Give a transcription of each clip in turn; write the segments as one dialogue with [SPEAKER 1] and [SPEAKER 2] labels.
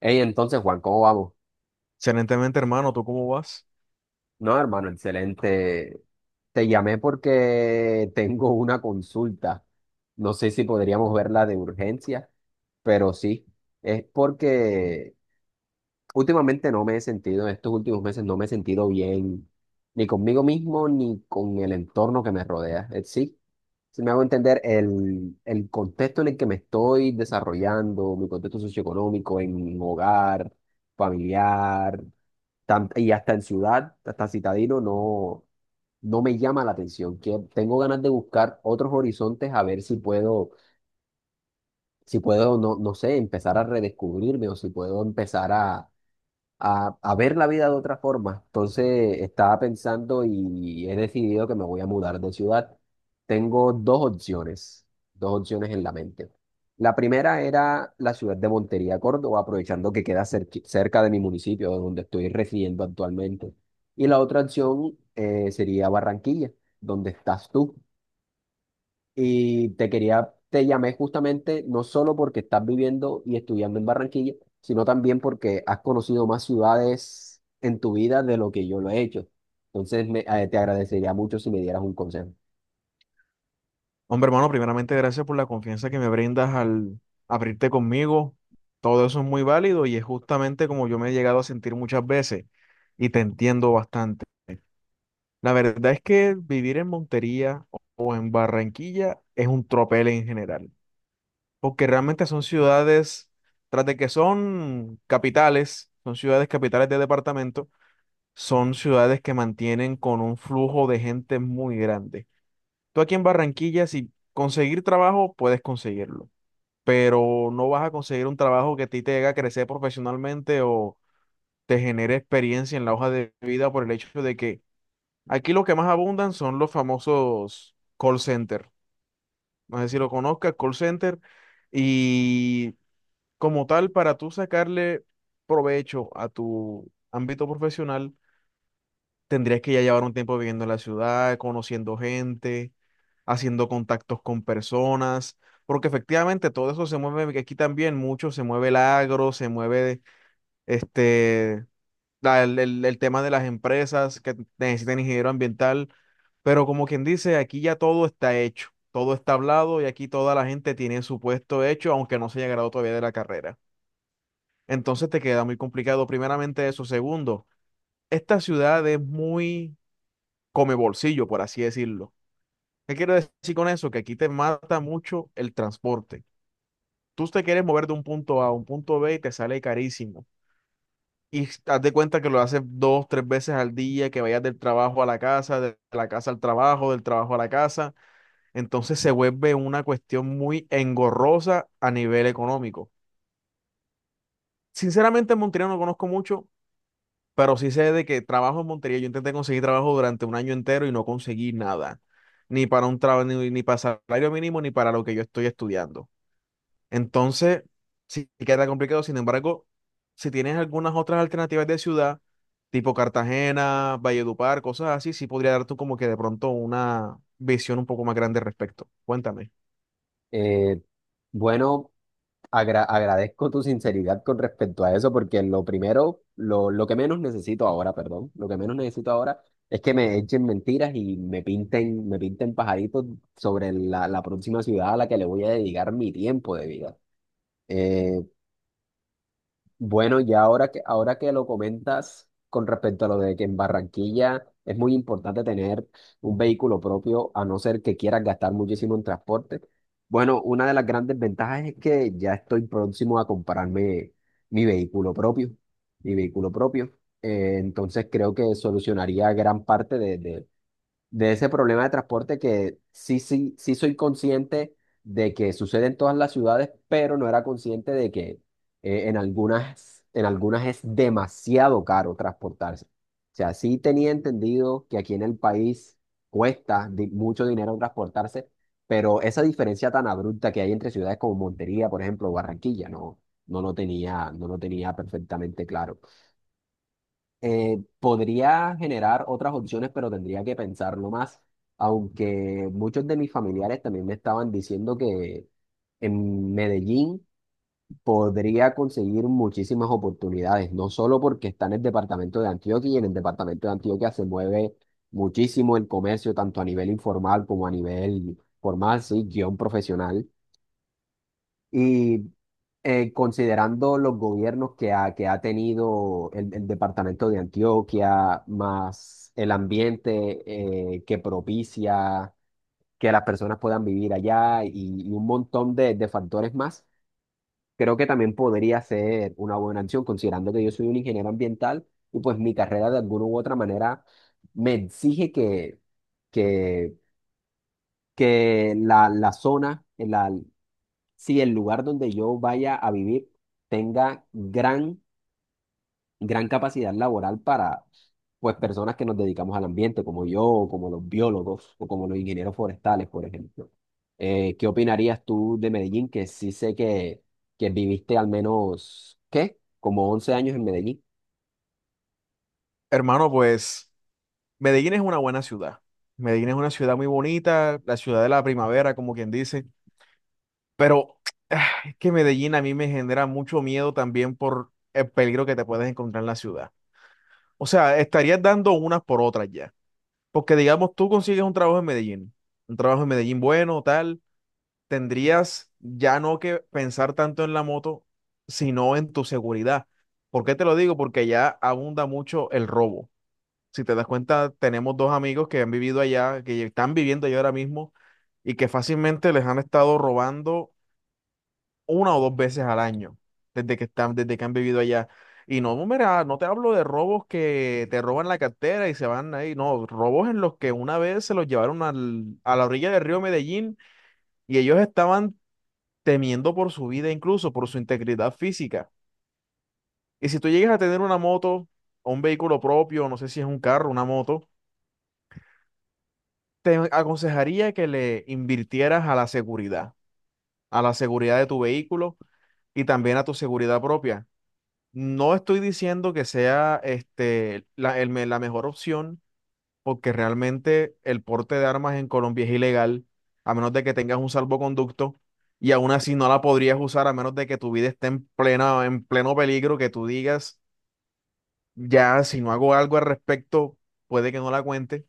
[SPEAKER 1] Hey, entonces, Juan, ¿cómo vamos?
[SPEAKER 2] Excelentemente, hermano, ¿tú cómo vas?
[SPEAKER 1] No, hermano, excelente. Te llamé porque tengo una consulta. No sé si podríamos verla de urgencia, pero sí. Es porque últimamente no me he sentido, en estos últimos meses no me he sentido bien, ni conmigo mismo, ni con el entorno que me rodea. Sí, si me hago entender el contexto en el que me estoy desarrollando, mi contexto socioeconómico, en mi hogar familiar. Y hasta en ciudad, hasta citadino, no, no me llama la atención. Que tengo ganas de buscar otros horizontes a ver si puedo, si puedo, no, no sé, empezar a redescubrirme o si puedo empezar a ver la vida de otra forma. Entonces estaba pensando y he decidido que me voy a mudar de ciudad. Tengo dos opciones en la mente. La primera era la ciudad de Montería, Córdoba, aprovechando que queda cerca de mi municipio, donde estoy residiendo actualmente. Y la otra opción sería Barranquilla, donde estás tú. Y te quería, te llamé justamente no solo porque estás viviendo y estudiando en Barranquilla, sino también porque has conocido más ciudades en tu vida de lo que yo lo he hecho. Entonces te agradecería mucho si me dieras un consejo.
[SPEAKER 2] Hombre, hermano, primeramente gracias por la confianza que me brindas al abrirte conmigo. Todo eso es muy válido y es justamente como yo me he llegado a sentir muchas veces y te entiendo bastante. La verdad es que vivir en Montería o en Barranquilla es un tropel en general, porque realmente son ciudades, tras de que son capitales, son ciudades capitales de departamento, son ciudades que mantienen con un flujo de gente muy grande. Tú aquí en Barranquilla, si conseguir trabajo, puedes conseguirlo, pero no vas a conseguir un trabajo que a ti te haga crecer profesionalmente o te genere experiencia en la hoja de vida por el hecho de que aquí lo que más abundan son los famosos call center. No sé si lo conozcas, call center. Y como tal, para tú sacarle provecho a tu ámbito profesional, tendrías que ya llevar un tiempo viviendo en la ciudad, conociendo gente, haciendo contactos con personas, porque efectivamente todo eso se mueve, que aquí también mucho se mueve el agro, se mueve este, el tema de las empresas que necesitan ingeniero ambiental, pero como quien dice, aquí ya todo está hecho, todo está hablado y aquí toda la gente tiene su puesto hecho, aunque no se haya graduado todavía de la carrera. Entonces te queda muy complicado, primeramente eso. Segundo, esta ciudad es muy come bolsillo, por así decirlo. ¿Qué quiero decir con eso? Que aquí te mata mucho el transporte. Tú te quieres mover de un punto A a un punto B y te sale carísimo. Y haz de cuenta que lo haces dos, tres veces al día, que vayas del trabajo a la casa, de la casa al trabajo, del trabajo a la casa. Entonces se vuelve una cuestión muy engorrosa a nivel económico. Sinceramente, en Montería no conozco mucho, pero sí sé de que trabajo en Montería, yo intenté conseguir trabajo durante un año entero y no conseguí nada, ni para un trabajo, ni para salario mínimo, ni para lo que yo estoy estudiando. Entonces, sí queda complicado. Sin embargo, si tienes algunas otras alternativas de ciudad, tipo Cartagena, Valledupar, cosas así, sí podría dar tú como que de pronto una visión un poco más grande al respecto. Cuéntame.
[SPEAKER 1] Eh, bueno, agradezco tu sinceridad con respecto a eso, porque lo primero, lo que menos necesito ahora, perdón, lo que menos necesito ahora es que me echen mentiras y me pinten pajaritos sobre la próxima ciudad a la que le voy a dedicar mi tiempo de vida. Eh, bueno, ya ahora que lo comentas con respecto a lo de que en Barranquilla es muy importante tener un vehículo propio, a no ser que quieras gastar muchísimo en transporte. Bueno, una de las grandes ventajas es que ya estoy próximo a comprarme mi vehículo propio, mi vehículo propio. Entonces creo que solucionaría gran parte de ese problema de transporte que sí, sí, sí soy consciente de que sucede en todas las ciudades, pero no era consciente de que en algunas es demasiado caro transportarse. O sea, sí tenía entendido que aquí en el país cuesta mucho dinero transportarse, pero esa diferencia tan abrupta que hay entre ciudades como Montería, por ejemplo, o Barranquilla, no, no lo tenía perfectamente claro. Podría generar otras opciones, pero tendría que pensarlo más, aunque muchos de mis familiares también me estaban diciendo que en Medellín podría conseguir muchísimas oportunidades, no solo porque está en el departamento de Antioquia y en el departamento de Antioquia se mueve muchísimo el comercio, tanto a nivel informal como a nivel formal, sí, guión profesional, y considerando los gobiernos que ha tenido el departamento de Antioquia, más el ambiente que propicia que las personas puedan vivir allá, y un montón de factores más, creo que también podría ser una buena opción, considerando que yo soy un ingeniero ambiental y pues mi carrera de alguna u otra manera me exige que, que si el lugar donde yo vaya a vivir tenga gran capacidad laboral para, pues, personas que nos dedicamos al ambiente, como yo, o como los biólogos, o como los ingenieros forestales, por ejemplo. ¿Qué opinarías tú de Medellín? Que sí sé que viviste al menos, ¿qué? Como 11 años en Medellín.
[SPEAKER 2] Hermano, pues Medellín es una buena ciudad. Medellín es una ciudad muy bonita, la ciudad de la primavera, como quien dice. Pero es que Medellín a mí me genera mucho miedo también por el peligro que te puedes encontrar en la ciudad. O sea, estarías dando unas por otras ya. Porque digamos, tú consigues un trabajo en Medellín, un trabajo en Medellín bueno, tal, tendrías ya no que pensar tanto en la moto, sino en tu seguridad. ¿Por qué te lo digo? Porque ya abunda mucho el robo. Si te das cuenta, tenemos dos amigos que han vivido allá, que están viviendo allá ahora mismo y que fácilmente les han estado robando una o dos veces al año, desde que están, desde que han vivido allá. Y no, mira, no te hablo de robos que te roban la cartera y se van ahí, no, robos en los que una vez se los llevaron a la orilla del río Medellín y ellos estaban temiendo por su vida, incluso por su integridad física. Y si tú llegas a tener una moto o un vehículo propio, no sé si es un carro, una moto, te aconsejaría que le invirtieras a la seguridad de tu vehículo y también a tu seguridad propia. No estoy diciendo que sea la mejor opción, porque realmente el porte de armas en Colombia es ilegal, a menos de que tengas un salvoconducto, y aún así no la podrías usar a menos de que tu vida esté en pleno peligro, que tú digas, ya, si no hago algo al respecto, puede que no la cuente.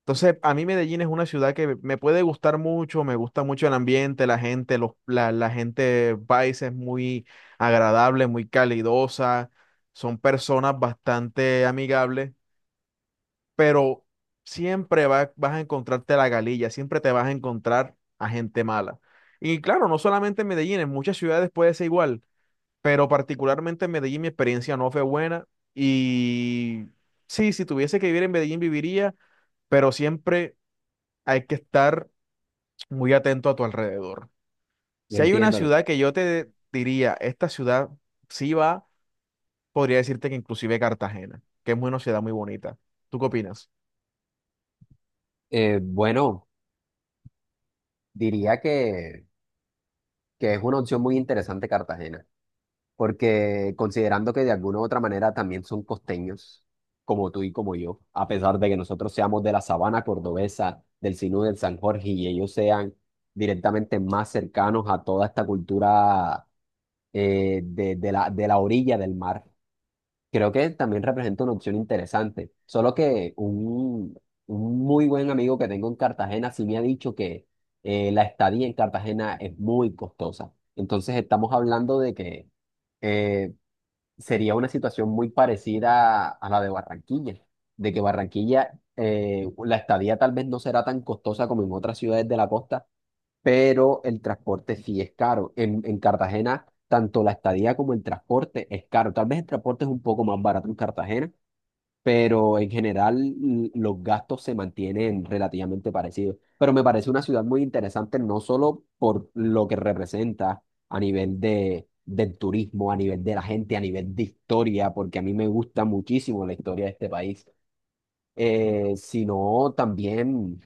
[SPEAKER 2] Entonces, a mí Medellín es una ciudad que me puede gustar mucho, me gusta mucho el ambiente, la gente, la gente paisa es muy agradable, muy calidosa, son personas bastante amigables, pero siempre vas a encontrarte la galilla, siempre te vas a encontrar a gente mala. Y claro, no solamente en Medellín, en muchas ciudades puede ser igual, pero particularmente en Medellín mi experiencia no fue buena y sí, si tuviese que vivir en Medellín viviría, pero siempre hay que estar muy atento a tu alrededor.
[SPEAKER 1] No
[SPEAKER 2] Si hay una
[SPEAKER 1] entiendo.
[SPEAKER 2] ciudad que yo te diría, esta ciudad sí va, podría decirte que inclusive Cartagena, que es una ciudad muy bonita. ¿Tú qué opinas?
[SPEAKER 1] Bueno, diría que es una opción muy interesante Cartagena, porque considerando que de alguna u otra manera también son costeños, como tú y como yo, a pesar de que nosotros seamos de la sabana cordobesa, del Sinú del San Jorge, y ellos sean directamente más cercanos a toda esta cultura de la orilla del mar, creo que también representa una opción interesante. Solo que un muy buen amigo que tengo en Cartagena sí me ha dicho que la estadía en Cartagena es muy costosa. Entonces estamos hablando de que eh, sería una situación muy parecida a la de Barranquilla, de que Barranquilla, la estadía tal vez no será tan costosa como en otras ciudades de la costa, pero el transporte sí es caro. En Cartagena, tanto la estadía como el transporte es caro. Tal vez el transporte es un poco más barato en Cartagena, pero en general los gastos se mantienen relativamente parecidos. Pero me parece una ciudad muy interesante, no solo por lo que representa a nivel del turismo, a nivel de la gente, a nivel de historia, porque a mí me gusta muchísimo la historia de este país, sino también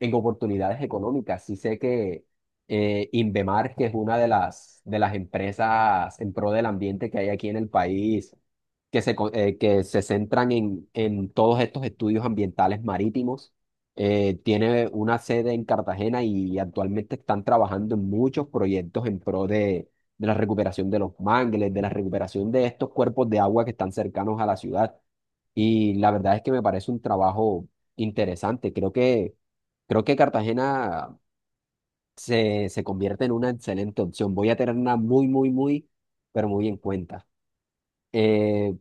[SPEAKER 1] en oportunidades económicas. Sí sé que Invemar, que es una de de las empresas en pro del ambiente que hay aquí en el país, que que se centran en todos estos estudios ambientales marítimos, tiene una sede en Cartagena y actualmente están trabajando en muchos proyectos en pro de la recuperación de los mangles, de la recuperación de estos cuerpos de agua que están cercanos a la ciudad. Y la verdad es que me parece un trabajo interesante. Creo que Cartagena se convierte en una excelente opción. Voy a tenerla muy, muy, muy, pero muy en cuenta. Eh,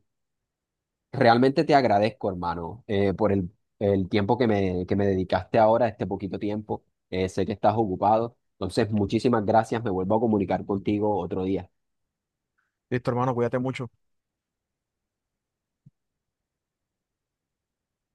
[SPEAKER 1] Realmente te agradezco, hermano, por el tiempo que me dedicaste ahora, este poquito tiempo. Sé que estás ocupado. Entonces, muchísimas gracias. Me vuelvo a comunicar contigo otro día.
[SPEAKER 2] Listo, hermano, cuídate mucho.